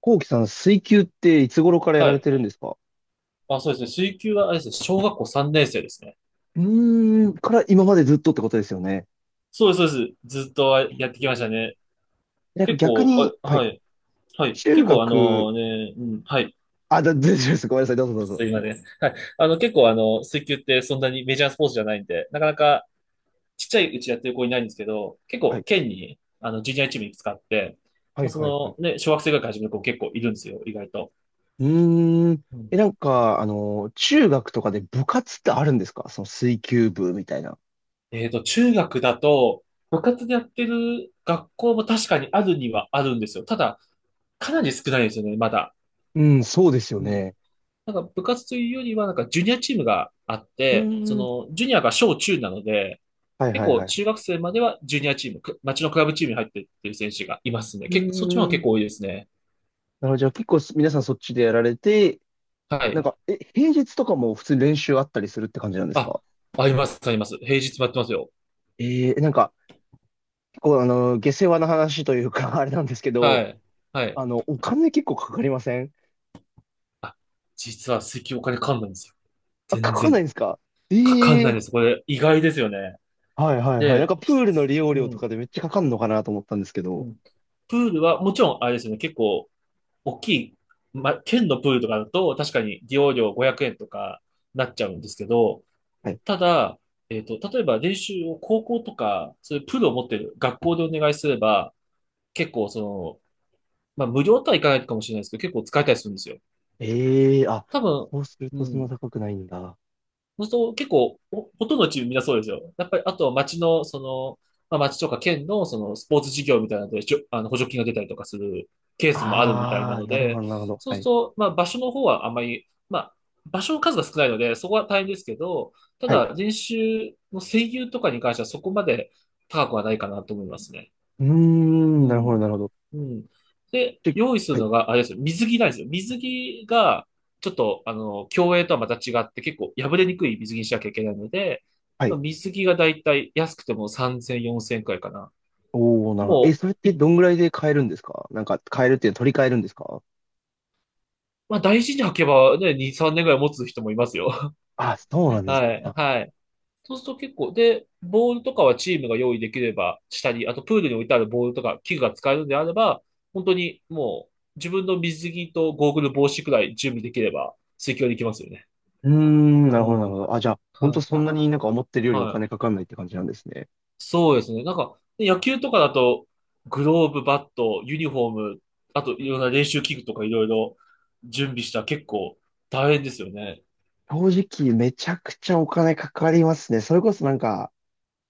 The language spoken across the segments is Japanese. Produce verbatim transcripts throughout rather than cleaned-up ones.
こうきさん、水球っていつ頃からやはられい。てるんですか？あ、そうですね。水球は、あれですね、小学校さんねん生ですね。うーん、から今までずっとってことですよね。そうです、そうです。ずっうとやってきましたん。ね。なんか結逆構、に、あ、はい、はい、はい。中結構、あ学、のね、うん、はい。あ、だ、大丈夫です。ごめんなさい。どうぞど ちうょっぞ。と今ね、はい。あの、結構、あの、水球ってそんなにメジャースポーツじゃないんで、なかなかちっちゃいうちやってる子いないんですけど、結は構、い、県に、あの、ジュニアチームいくつかあって、はまい、あ、はい、はい。その、ね、小学生ぐらいから始める子結構いるんですよ、意外と。うーん。うえ、ん。なんか、あの、中学とかで部活ってあるんですか？その水球部みたいな。えっと、中学だと、部活でやってる学校も確かにあるにはあるんですよ。ただ、かなり少ないですよね、まだ。うん、そうですようん。ね。なんか部活というよりは、なんかジュニアチームがあっうて、そーん。の、ジュニアが小中なので、はい、結はい、は構中い。学生まではジュニアチーム、く町のクラブチームに入ってっていう選手がいますね。う結構、そっちの方がー結ん。構多いですね。なるほど。じゃあ結構す皆さんそっちでやられて、はなんい。か、え、平日とかも普通に練習あったりするって感じなんですあ、か？あります、あります。平日もやってますよ。えー、なんか、構、あの、下世話な話というか、あれなんですけはど、い。はい。あの、お金結構かかりません？あ、実は石油お金かかんないんですよ。あ、か全かんないん然。ですか？かかんえなえいー。です。これ意外ですよね。はいはいはい。なんで、かプひールの利用う料とん、かでめっちゃかかんのかなと思ったんですけうど。ん。プールはもちろんあれですよね。結構大きい、ま県のプールとかだと、確かに利用料ごひゃくえんとかなっちゃうんですけど、はい。ただ、えっと、例えば練習を高校とか、そういうプールを持ってる学校でお願いすれば、結構その、まあ、無料とはいかないかもしれないですけど、結構使えたりするんですよ。ええー、あ、多分、そうするうとそんなん、高くないんだ。そうすると結構、ほほとんどのチームみんなそうですよ。やっぱり、あとは町の、その、まあ、町とか県の、その、スポーツ事業みたいなので、しょあの、補助金が出たりとかするケースもあるみたいあなあ、のなるほで、どなるほど。そうはするい。と、まあ、場所の方はあんまり、まあ、場所の数が少ないので、そこは大変ですけど、たはい。うだ、練習の声優とかに関してはそこまで高くはないかなと思いますね。ーうん、なるほどなん。るほど。うん。で、で、用意すはるい。のが、あれですよ、水着なんですよ。水着が、ちょっと、あの、競泳とはまた違って、結構破れにくい水着にしなきゃいけないので、はまい。あ、水着がだいたい安くてもさんぜん、よんせんくらいかな。おー、なるほど。え、もそれっう、ていどんぐらいで買えるんですか？なんか買えるっていうのは取り替えるんですか？まあ、大事に履けばね、に、さんねんぐらい持つ人もいますよ。あ、そうな んですはい、ね。はい。そうすると結構、で、ボールとかはチームが用意できればしたり、あとプールに置いてあるボールとか器具が使えるのであれば、本当にもう自分の水着とゴーグル帽子くらい準備できれば水球はできますよね。うーん、なうるほど、なるん。ほど。あ、じゃあ、本は当そい。んなになんか思ってるよはりお金かかい。んないって感じなんですね。そうですね。なんか、野球とかだと、グローブ、バット、ユニフォーム、あといろんな練習器具とかいろいろ準備したら結構大変ですよね。正直、めちゃくちゃお金かかりますね。それこそなんか、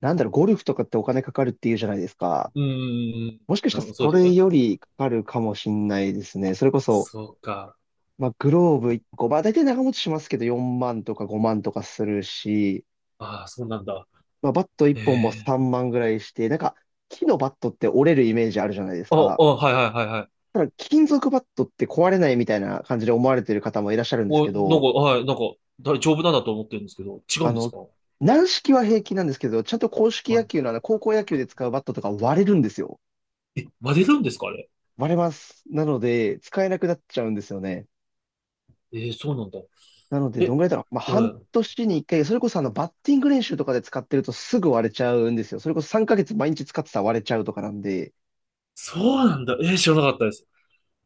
なんだろう、ゴルフとかってお金かかるっていうじゃないですか。うん。もしかしあたらのそそうですよれね。よりかかるかもしんないですね。それこそ、そうか。まあ、グローブいっこ、まあ、大体長持ちしますけど、よんまんとかごまんとかするし、ああ、そうなんだ。まあ、バット1え本もえ、さんまんぐらいして、なんか、木のバットって折れるイメージあるじゃないですあ、あ、か。はいはいはいはい。ただ、金属バットって壊れないみたいな感じで思われてる方もいらっしゃるんですお、けなんか、ど、はい、なんか、大丈夫なんだと思ってるんですけど、違うあんですの、か？軟式は平気なんですけど、ちゃんと硬式野は球のあの、高校野球で使うバットとか割れるんですよ。い。え、割れるんですかあれ。割れます。なので、使えなくなっちゃうんですよね。えー、そうなんだ。なので、どえ、んぐらいだろう。まあ、は半い。年に一回、それこそあの、バッティング練習とかで使ってるとすぐ割れちゃうんですよ。それこそさんかげつ毎日使ってたら割れちゃうとかなんで、そうなんだ。えー、知らなかったです。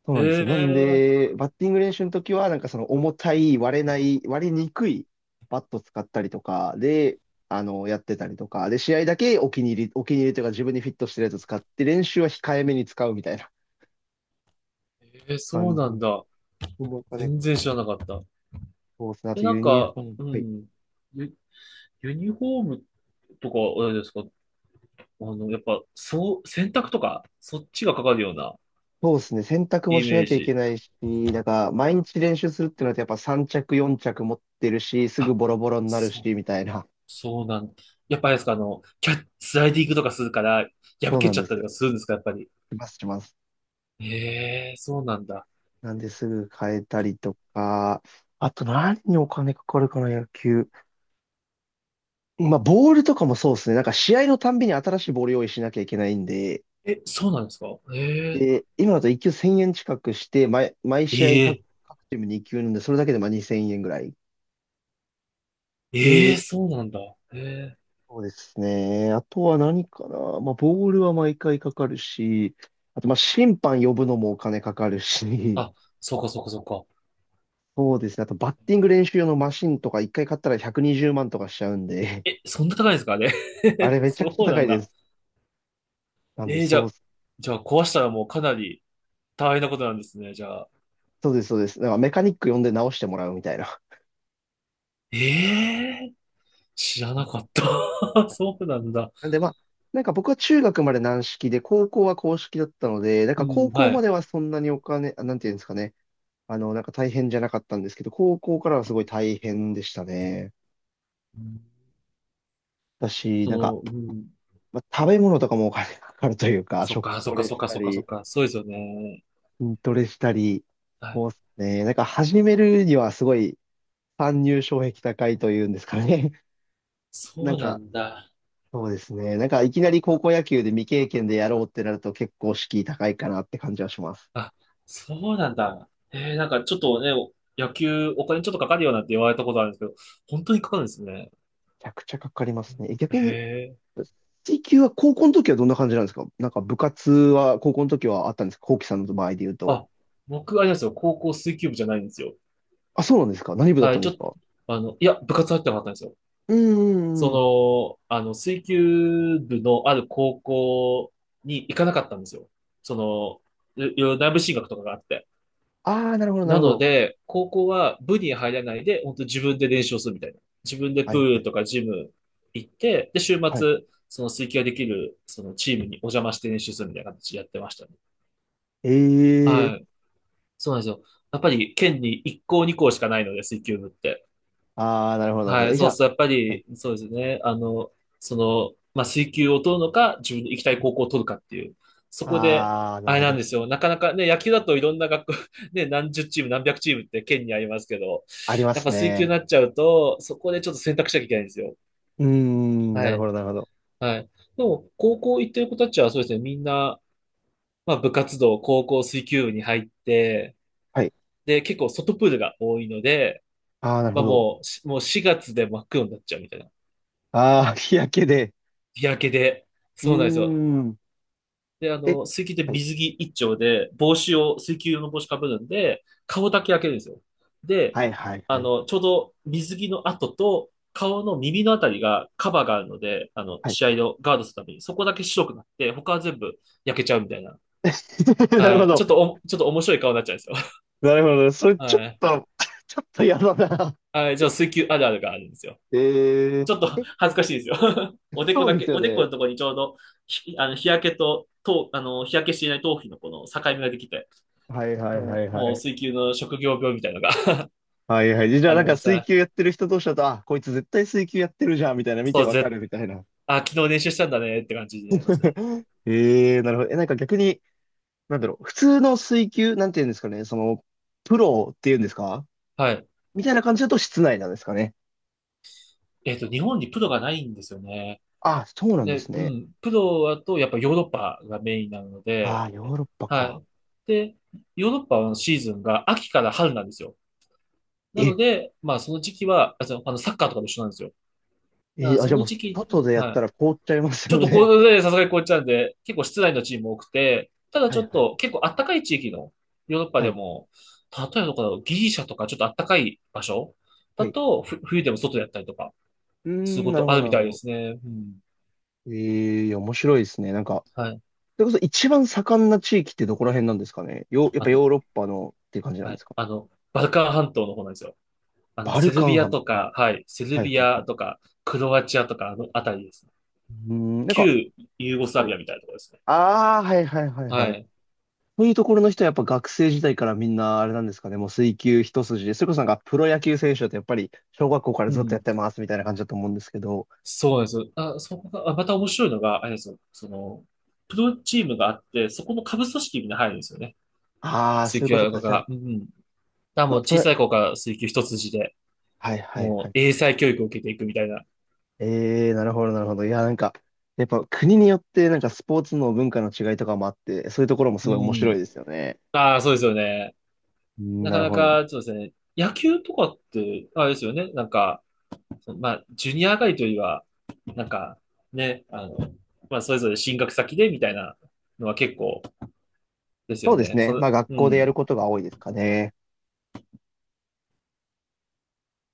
そうえなんですよ。なんー、で、バッティング練習の時は、なんかその重たい、割れない、割れにくいバット使ったりとかで、あの、やってたりとか、で、試合だけお気に入り、お気に入りというか自分にフィットしてるやつ使って、練習は控えめに使うみたいなえー、そう感じなんの。だ。お金か全然か知る。らなかった。そうですね。あえ、となんユニフか、ォーム。うはい。ん、ユ、ユニフォームとか、あれですか？あの、やっぱ、そう、洗濯とか、そっちがかかるようなそうですね。洗濯もイしメなーきゃいけジ。ないし、だから毎日練習するってなるとやっぱさん着、よん着持ってるし、すぐあ、ボロボロになるそし、みたいな。そうなん、やっぱあれですか、あの、キャッ、スライディングとかするから、破そうけなちんゃでったすりよ。とかするんですか、やっぱり。します、します。ええ、そうなんだ。なんですぐ変えたりとか、あと何にお金かかるかな、野球。まあ、ボールとかもそうですね。なんか試合のたんびに新しいボール用意しなきゃいけないんで、え、そうなんですか？ええ、で、今だといっ球せんえん近くして、毎、毎試合え各、え、各チームに球なんで、それだけでまあにせんえんぐらい。ええ、で、そうなんだ。ええ、そうですね。あとは何かな。まあ、ボールは毎回かかるし、あとまあ、審判呼ぶのもお金かかるし、あ、そうか、そうか、そうか。そうですね。あとバッティング練習用のマシンとかいっかい買ったらひゃくにじゅうまんとかしちゃうんで、え、そんな高いんですか、あれ。あれ めちゃくそちゃうな高んいでだ。す。なんで、ええ、じゃそう、あ、じゃあ壊したらもうかなり大変なことなんですね、じゃあ。そうです、そうです。なんかメカニック呼んで直してもらうみたいな。ええ、知らうなん。かった。そうなんだ。なんでまあ、なんか僕は中学まで軟式で、高校は硬式だったので、なんうか高ん、校はまい。ではそんなにお金、あなんていうんですかね。あの、なんか大変じゃなかったんですけど、高校からはすごい大変でしたね。うんだし、なんか、その、うん、まあ、食べ物とかもお金 かかるというか、そっ食か、そトっか、レそっしか、たそっか、そっり、か、そうですよね。筋トレしたり、そうっあ、すね。なんか始めるにはすごい参入障壁高いというんですかね。なそんうなか、んだ。そうですね。なんかいきなり高校野球で未経験でやろうってなると結構敷居高いかなって感じはします。あ、そうなんだ。えー、なんかちょっとね、お野球お金ちょっとかかるよなんて言われたことあるんですけど、本当にかかるんですね。めちゃくちゃかかりますね。え逆へに、え。水球は高校の時はどんな感じなんですか？なんか部活は高校の時はあったんですか？コウキさんの場合で言うと。あ、僕、あれなんですよ。高校水球部じゃないんですよ。あ、そうなんですか？何部だっはたい、んちでょっすと、か？あの、いや、部活入ってなかったんですよ。うんうんうん。その、あの、水球部のある高校に行かなかったんですよ。その、いいろいろ内部進学とかがあって。ああ、なるほど、なるなほのど。で、高校は部に入らないで、本当自分で練習をするみたいな。自分ではプーいはルい。とかジム行って、で、週はい。末、その水球ができる、そのチームにお邪魔して練習するみたいな形でやってましたね。ええー。はい。そうなんですよ。やっぱり県にいっこう校にこう校しかないので、水球部って。ああ、なるほど、なるほはど。い、え、じそゃうするとやっぱあ、はい。り、そうですね。あの、その、まあ、水球を取るのか、自分の行きたい高校を取るかっていう。そこで、ああ、なあるれほなんでど。すよ。なかなかね、野球だといろんな学校、ね、何十チーム、何百チームって県にありますけど、ありまやっすぱ水球にね。なっちゃうと、そこでちょっと選択しなきゃいけないんですよ。うーん、なはるほい、ど、なるほど。はい。でも、高校行ってる子たちはそうですね、みんな、まあ、部活動、高校水球部に入って、はい。で、結構外プールが多いので、ああ、なるまほあど。もう、しもうしがつで真っ黒になっちゃうみたいな。ああ、日焼けで。日焼けで。うーそうなんですよ。ん。で、あえ、の、水球ってはい。水着一丁で、帽子を、水球用の帽子かぶるんで、顔だけ焼けるんですよ。で、はいはいあはい。の、ちょうど水着の跡と、顔の耳のあたりがカバーがあるので、あの、はい。試合をガードするために、そこだけ白くなって、他は全部焼けちゃうみたいな。なるほはい。ちょど。っとお、ちょっと面白い顔になっちゃうんですよ。なるほど。そ れちょはっい。と ちょっと嫌だな。はい。じゃあ、水球あるあるがあるんですよ。えー、ちょっと え、恥ずかしいですよ。おでこそうだでけ、すよおでこのね。ところにちょうど、ひあの日焼けと、とあの日焼けしていない頭皮のこの境目ができて、はいはいはもいう、もはうい。水球の職業病みたいなのが はいはい。じ ゃああなりんかます水ね。球やってる人同士だと、あ、こいつ絶対水球やってるじゃん、みたいな見そてう、わかぜ、るみたいな。あ、昨日練習したんだねって感じになりますね。えー、なるほど。え、なんか逆に、なんだろう。普通の水球、なんていうんですかね。その、プロっていうんですか？はい。みたいな感じだと室内なんですかね。えっと、日本にプロがないんですよね。あ、そうなんでで、すうね。ん、プロだとやっぱヨーロッパがメインなのあで、あ、ヨーロッパはか。い。で、ヨーロッパのシーズンが秋から春なんですよ。なのえで、まあその時期は、あ、そのあのサッカーとかと一緒なんですよ。だかえらー、あ、そじゃあものう、時期、外でやっはたい。ら凍っちゃいますちょよっとこね。れでさすがにこういっちゃうんで、結構室内のチーム多くて、た だはちいょっはい。と結構あったかい地域のヨーロッパはでい。も、例えばどこだろう、ギリシャとかちょっとあったかい場所はだい。と、ふ冬でも外でやったりとか、うーするん、こなとるほあど、るなみるたほいでど。すね。うん。ええー、面白いですね。なんか、はい。それこそ一番盛んな地域ってどこら辺なんですかね。よ、やっあぱの、ヨーロッパのっていう感じなんはでい。すか？あの、バルカン半島の方なんですよ。あの、バセルルカンビア半。とか、はい。セルはいビはい。アとか、クロアチアとか、あのあたりですね。うーん、なんか、旧ユーゴスラはい。ビアみたいなところですね。ああ、はいはいはいははい。い。そういうところの人はやっぱ学生時代からみんなあれなんですかね。もう水球一筋で。それこそなんかプロ野球選手だとやっぱり小学校からうずっとやっん。てますみたいな感じだと思うんですけど。そうなんですよ。あ、そこが、あまた面白いのが、あれですよ。その、プロチームがあって、そこの下部組織にみんな入るんですよね。ああ、そ水ういう球ことか。じゃあ、が。うんうん。だからもまうあ、プ小ロ、さい子から水球一筋で、はいはいもはうい。英才教育を受けていくみたいな。ええ、なるほど、なるほど。いや、なんか、やっぱ国によって、なんかスポーツの文化の違いとかもあって、そういうところもすうごい面白ん。いですよね。ああ、そうですよね。うん、ななかるなほど。か、そうですね。野球とかって、あれですよね。なんか、そのまあ、ジュニア上がりというよりは、なんか、ね、あの、まあ、それぞれ進学先でみたいなのは結構ですそようですね。そね。の、まあ、学う校でやるん。ことが多いですかね。